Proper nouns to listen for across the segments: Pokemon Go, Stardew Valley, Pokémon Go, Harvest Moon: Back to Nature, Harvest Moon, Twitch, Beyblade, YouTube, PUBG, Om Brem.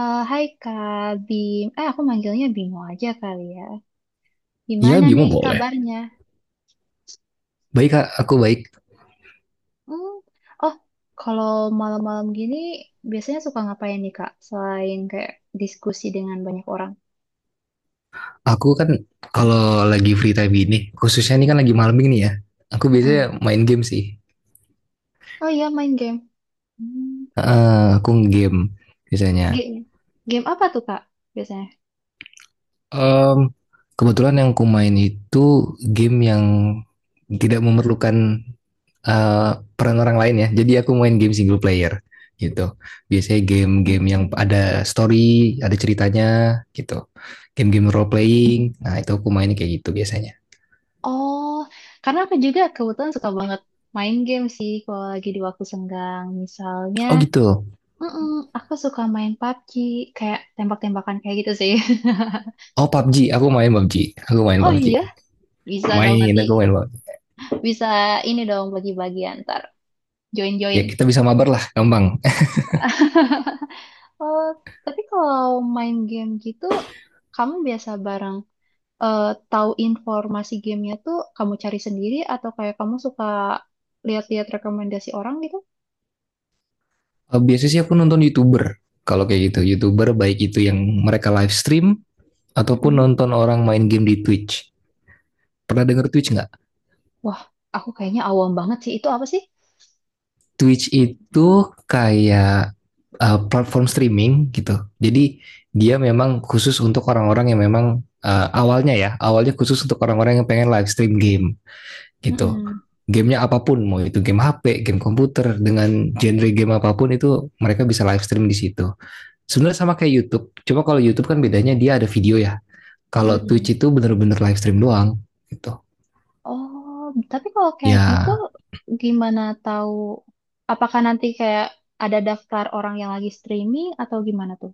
Eh, hai Kak Bim, eh aku manggilnya Bimo aja kali ya. Iya Gimana Bimo nih boleh. kabarnya? Baik Kak, aku baik. Hmm. Oh, kalau malam-malam gini biasanya suka ngapain nih Kak? Selain kayak diskusi dengan banyak orang. Aku kan kalau lagi free time ini, khususnya ini kan lagi malam ini ya. Aku biasanya Mm-mm. main game sih. Oh iya main game. Hmm. Aku game biasanya. Game, game apa tuh Kak biasanya? Em, kebetulan yang aku main itu game yang tidak memerlukan eh, peran orang lain ya. Jadi aku main game single player gitu. Biasanya game-game yang ada story, ada ceritanya gitu. Game-game role playing. Nah, itu aku mainnya kayak gitu biasanya. Oh, karena aku juga kebetulan suka banget main game sih kalau lagi di waktu senggang. Misalnya, Oh gitu. mm aku suka main PUBG kayak tembak-tembakan kayak gitu sih. Oh PUBG, aku main PUBG, aku main Oh PUBG, iya, bisa dong main nanti aku main PUBG. bisa ini dong bagi-bagi antar Ya join-join. kita bisa mabar lah, gampang. Oh, tapi kalau main game gitu, kamu biasa bareng eh, tahu informasi gamenya tuh kamu cari sendiri atau kayak kamu suka lihat-lihat rekomendasi orang gitu? Biasanya sih aku nonton youtuber, kalau kayak gitu youtuber baik itu yang mereka live stream ataupun Mm-mm. nonton orang main game di Twitch. Pernah denger Twitch nggak? Wah, aku kayaknya awam banget sih. Itu apa sih? Twitch itu kayak platform streaming gitu. Jadi dia memang khusus untuk orang-orang yang memang awalnya ya, awalnya khusus untuk orang-orang yang pengen live stream game gitu, Mm-mm. gamenya apapun mau itu game HP, game komputer dengan genre game apapun itu mereka bisa live stream di situ. Sebenarnya sama kayak YouTube, cuma kalau YouTube kan bedanya dia ada video ya, kalau Mm-mm. Twitch itu benar-benar live stream doang gitu Oh, tapi kalau kayak gitu, ya. gimana tahu? Apakah nanti kayak ada daftar orang yang lagi streaming atau gimana tuh?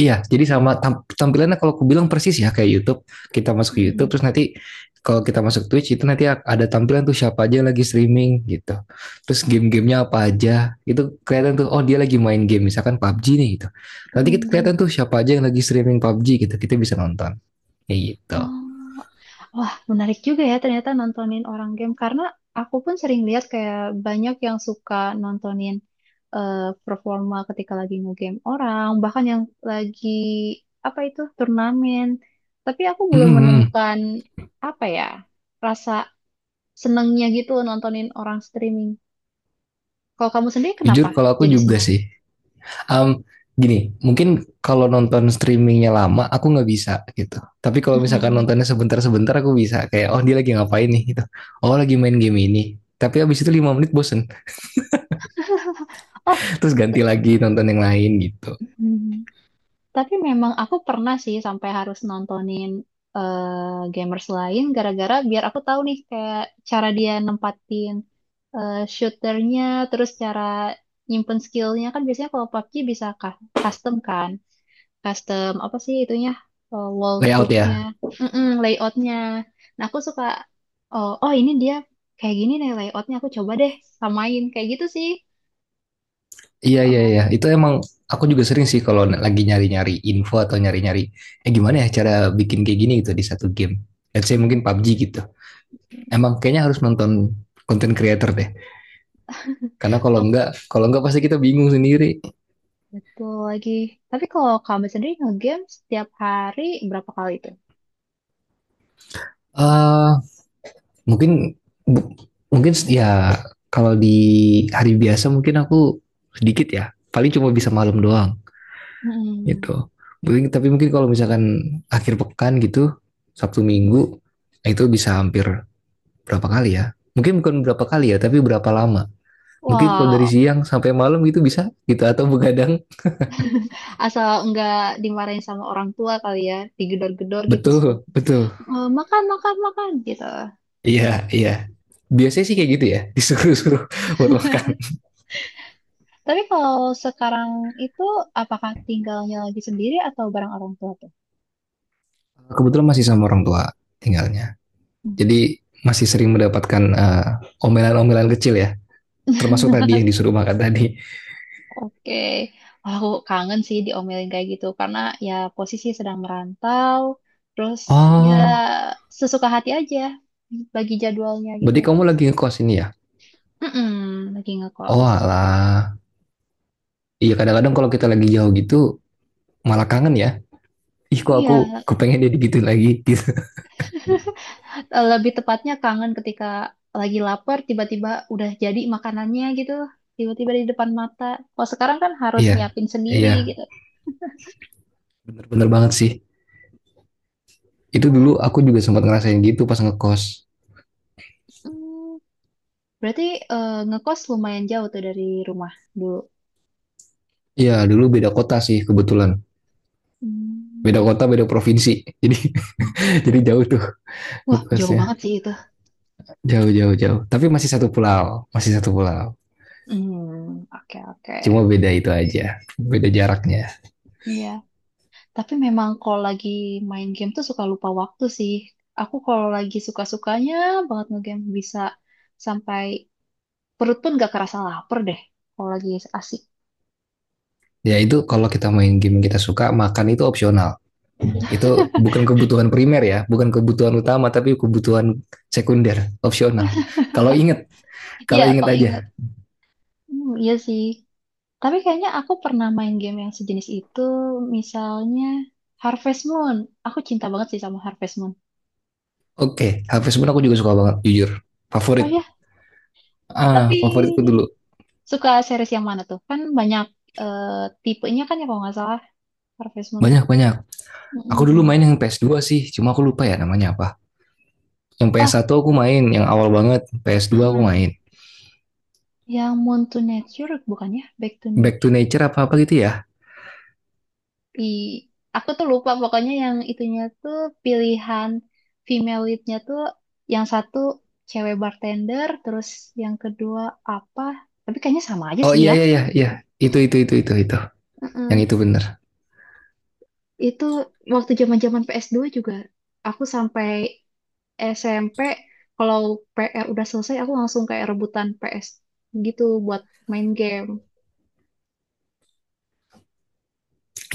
Iya, jadi sama tampilannya kalau aku bilang persis ya kayak YouTube. Kita masuk ke YouTube Mm-mm. terus nanti, kalau kita masuk Twitch itu nanti ada tampilan tuh siapa aja lagi streaming gitu. Terus game-gamenya apa aja. Itu kelihatan tuh, oh dia lagi main game misalkan PUBG nih gitu. Nanti kita Mm-mm. kelihatan tuh siapa aja yang lagi streaming PUBG gitu. Kita bisa nonton kayak gitu. Oh, wah menarik juga ya ternyata nontonin orang game karena aku pun sering lihat kayak banyak yang suka nontonin eh, performa ketika lagi nge-game orang, bahkan yang lagi apa itu turnamen. Tapi aku belum Mm-mm. menemukan apa ya rasa senengnya gitu nontonin orang streaming. Kalau kamu sendiri Jujur kenapa kalau aku jadi juga senang? sih. Um, Gini, mungkin kalau nonton streamingnya lama, aku nggak bisa gitu. Tapi kalau misalkan Mm-mm. nontonnya sebentar-sebentar, aku bisa. Kayak, oh dia lagi ngapain nih gitu. Oh lagi main game ini. Tapi abis itu 5 menit bosen. Oh, Terus t- ganti lagi nonton yang lain gitu. mm. Tapi memang aku pernah sih sampai harus nontonin gamers lain gara-gara biar aku tahu nih kayak cara dia nempatin shooternya, terus cara nyimpen skillnya kan biasanya kalau PUBG bisa custom kan, custom apa sih itunya wall Layout troopnya, ya? Layoutnya. Nah aku suka oh, oh ini dia kayak gini nih layoutnya aku coba deh samain kayak gitu sih Iya, iya, iya. pernahnya. Itu emang aku juga sering sih kalau lagi nyari-nyari info atau nyari-nyari, gimana ya cara bikin kayak gini gitu di satu game. Let's say mungkin Mm-mm. PUBG gitu. Emang kayaknya harus nonton content creator deh. Karena kalau enggak pasti kita bingung sendiri. Betul lagi. Tapi kalau kamu sendiri nge-game setiap hari berapa kali itu? Eh Uh, mungkin mungkin ya, kalau di hari biasa mungkin aku sedikit ya, paling cuma bisa malam doang mm gitu mungkin. Tapi mungkin kalau misalkan akhir pekan gitu, Sabtu Minggu, nah itu bisa hampir berapa kali ya, mungkin bukan berapa kali ya tapi berapa lama, mungkin kalau dari Wow, siang sampai malam gitu bisa gitu atau begadang. asal nggak dimarahin sama orang tua kali ya, digedor-gedor gitu suruh Betul betul. "Eh, makan, makan, makan gitu. Iya iya, biasanya sih kayak gitu ya. Disuruh-suruh buat makan. Tapi kalau sekarang itu apakah tinggalnya lagi sendiri atau bareng orang tua tuh? Kebetulan masih sama orang tua tinggalnya. Jadi masih sering mendapatkan omelan-omelan kecil ya. Termasuk tadi yang disuruh makan tadi. Oke, wah, aku kangen sih diomelin kayak gitu karena ya posisi sedang merantau, terus ya Oh, sesuka hati aja bagi jadwalnya gitu. berarti kamu lagi ngekos ini ya? Mm-mm, lagi Oh ngekos. alah. Iya kadang-kadang kalau kita lagi jauh gitu malah kangen ya. Ih kok aku Iya, kepengen dia gitu lagi gitu. Lebih tepatnya kangen ketika lagi lapar tiba-tiba udah jadi makanannya gitu, tiba-tiba di depan mata. Kalau sekarang kan harus Iya, nyiapin sendiri iya. gitu. Bener-bener banget sih. Itu dulu Oh, aku juga sempat ngerasain gitu pas ngekos. mm, berarti ngekos lumayan jauh tuh dari rumah dulu. Iya dulu beda kota sih kebetulan. Beda Hmm. kota, beda provinsi. Jadi jadi jauh tuh Wah, jauh ngekosnya. banget sih itu. Jauh, jauh, jauh. Tapi masih satu pulau. Masih satu pulau. Hmm, oke oke. Cuma beda itu aja, beda jaraknya. Ya, tapi memang kalau lagi main game tuh suka lupa waktu sih. Aku kalau lagi suka-sukanya banget ngegame bisa sampai perut pun gak kerasa lapar deh kalau lagi asik. Ya itu kalau kita main game yang kita suka, makan itu opsional. Itu bukan kebutuhan primer ya, bukan kebutuhan utama, tapi kebutuhan sekunder, opsional. Kalau inget, Iya, kalau inget kalau inget. aja. Hmm, iya sih. Tapi kayaknya aku pernah main game yang sejenis itu, misalnya Harvest Moon. Aku cinta banget sih sama Harvest Moon. Oke, HP sebenarnya aku juga suka banget, jujur. Oh Favorit. ya, Ah, tapi favoritku dulu. suka series yang mana tuh? Kan banyak eh, tipenya kan ya kalau nggak salah Harvest Moon. Banyak-banyak. Aku dulu Mm-mm. main yang PS2 sih, cuma aku lupa ya namanya apa. Yang ps Oh, satu aku main, yang awal banget. PS2 aku mm-mm. main. Yang Moon to Nature bukannya Back to Back to Nature. Nature apa-apa gitu ya. I, aku tuh lupa pokoknya yang itunya tuh pilihan female leadnya tuh yang satu cewek bartender, terus yang kedua apa? Tapi kayaknya sama aja Oh sih iya, ya. iya, iya, iya. Mm, Itu, itu. Yang mm-mm. itu bener. Itu waktu zaman-zaman PS2 juga aku sampai SMP, kalau PR udah selesai aku langsung kayak rebutan PS gitu buat main game.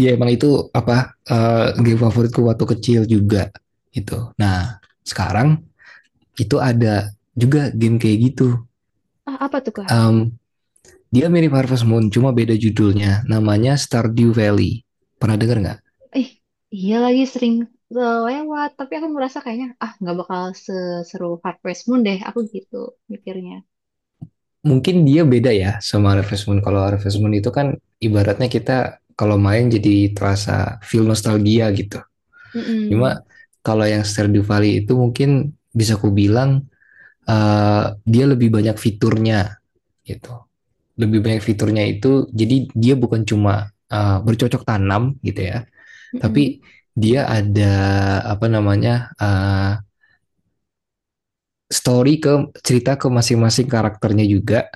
Ya emang itu apa game favoritku waktu kecil juga gitu. Nah sekarang itu ada juga game kayak gitu. Ah, apa tuh Kak? Em, dia mirip Harvest Moon cuma beda judulnya. Namanya Stardew Valley. Pernah dengar nggak? Ih, iya lagi sering lewat, tapi aku merasa kayaknya ah nggak bakal seseru Harvest Moon deh, aku gitu mikirnya. Mungkin dia beda ya sama Harvest Moon. Kalau Harvest Moon itu kan ibaratnya kita kalau main jadi terasa feel nostalgia gitu. Mm-mm. Cuma kalau yang Stardew Valley itu mungkin bisa ku bilang dia lebih banyak fiturnya gitu. Lebih banyak fiturnya, itu jadi dia bukan cuma bercocok tanam gitu ya, Mm-mm. tapi dia ada apa namanya story ke cerita ke masing-masing karakternya juga,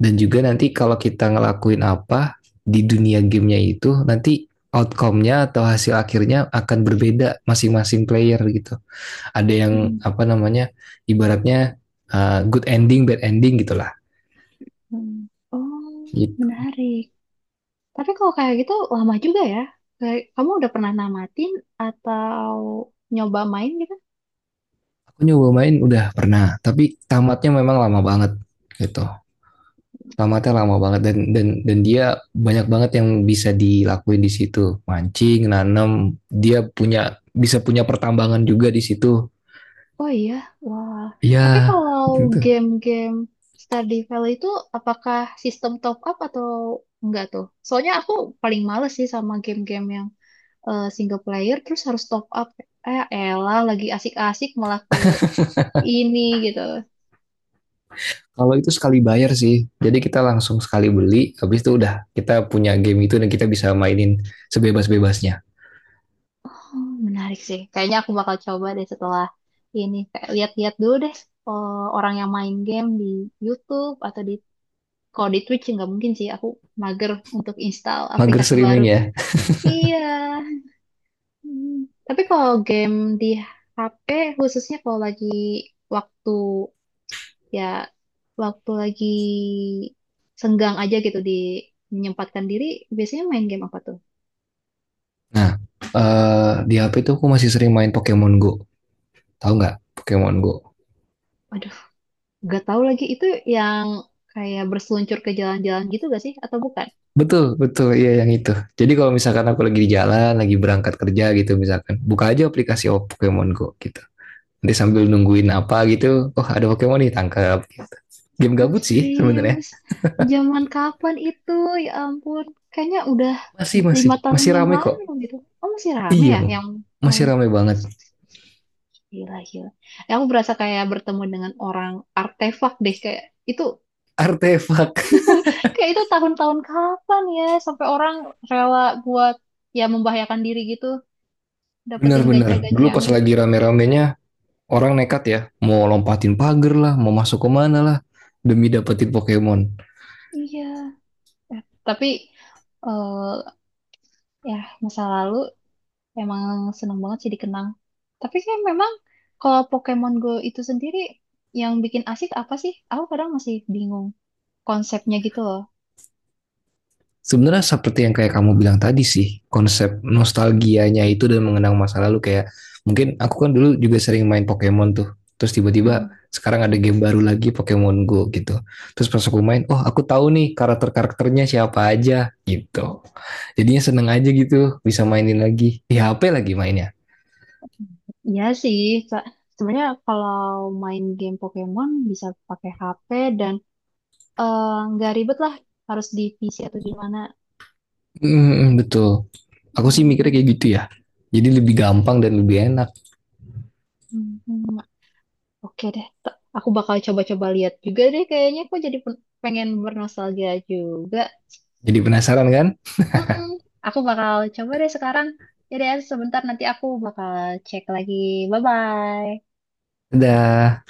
dan juga nanti kalau kita ngelakuin apa di dunia gamenya itu nanti outcome-nya atau hasil akhirnya akan berbeda masing-masing player gitu, ada yang Mm-mm. apa namanya, ibaratnya good ending, bad ending gitulah. Mm. Oh, menarik. Tapi kalau kayak gitu lama juga ya. Kayak, kamu udah pernah namatin atau nyoba main gitu? Aku nyoba main udah pernah, tapi tamatnya memang lama banget gitu. Tamatnya lama Hmm. banget, dan dia banyak banget yang bisa dilakuin di situ. Mancing, nanam, dia punya, bisa punya pertambangan juga di situ. Oh iya, wah. Ya, Tapi kalau gitu. game-game Stardew Valley itu apakah sistem top up atau enggak tuh? Soalnya aku paling males sih sama game-game yang single player terus harus top up, eh elah lagi asik-asik malah ke ini gitu. Kalau itu sekali bayar sih. Jadi kita langsung sekali beli, habis itu udah kita punya game itu dan kita bisa mainin sebebas-bebasnya. Hmm, menarik sih kayaknya aku bakal coba deh setelah ini kayak lihat-lihat dulu deh orang yang main game di YouTube atau di, kalau di Twitch nggak mungkin sih, aku mager untuk install Mager aplikasi baru. streaming ya. Iya. Hmm. Tapi kalau game di HP, khususnya kalau lagi waktu, ya waktu lagi senggang aja gitu, di menyempatkan diri biasanya main game apa tuh? Nah, di HP itu aku masih sering main Pokemon Go. Tahu nggak Pokemon Go? Aduh, gak tahu lagi itu yang kayak berseluncur ke jalan-jalan gitu gak sih atau bukan? Betul, betul. Iya yang itu. Jadi kalau misalkan aku lagi di jalan, lagi berangkat kerja gitu misalkan, buka aja aplikasi, oh, Pokemon Go gitu. Nanti sambil nungguin apa gitu, oh ada Pokemon nih tangkap gitu. Game Ah, gabut sih sebenarnya. serius, zaman kapan itu? Ya ampun, kayaknya udah Masih masih 5 tahun masih yang ramai kok. lalu gitu. Oh masih rame Iya, ya yang masih main? ramai banget. Gila, gila. Eh, aku berasa kayak bertemu dengan orang artefak deh kayak itu. Artefak. Kayak itu tahun-tahun kapan ya sampai orang rela buat, ya, membahayakan diri gitu dapetin Benar-benar. gacha-gacha Dulu yang pas ini. lagi rame-ramenya, orang nekat ya, mau lompatin pagar lah, mau masuk ke mana lah demi dapetin Pokemon. Iya. Eh, tapi eh ya masa lalu emang seneng banget sih dikenang. Tapi kayak memang kalau Pokemon Go itu sendiri yang bikin asik apa sih? Aku kadang masih bingung konsepnya gitu loh. Sebenarnya seperti yang kayak kamu bilang tadi sih, konsep nostalgianya itu dan mengenang masa lalu, kayak mungkin aku kan dulu juga sering main Pokemon tuh. Terus tiba-tiba mm sekarang ada game baru lagi, Pokemon Go gitu. Terus pas aku main, oh aku tahu nih karakter-karakternya siapa aja gitu. Jadinya seneng aja gitu bisa mainin lagi. Di HP lagi mainnya. Iya sih, se- sebenarnya kalau main game Pokemon bisa pakai HP dan eh, nggak ribet lah harus divisi atau gimana. Mm, betul. Aku sih mikirnya Hmm, kayak gitu ya. Jadi lebih gampang dan lebih enak. hmm, hmm. Oke deh, aku bakal coba-coba lihat juga deh kayaknya aku jadi pengen bernostalgia juga. Jadi penasaran kan? Mm-mm. Aku bakal coba deh sekarang. Ya deh, sebentar nanti aku bakal cek lagi. Bye-bye. Dah.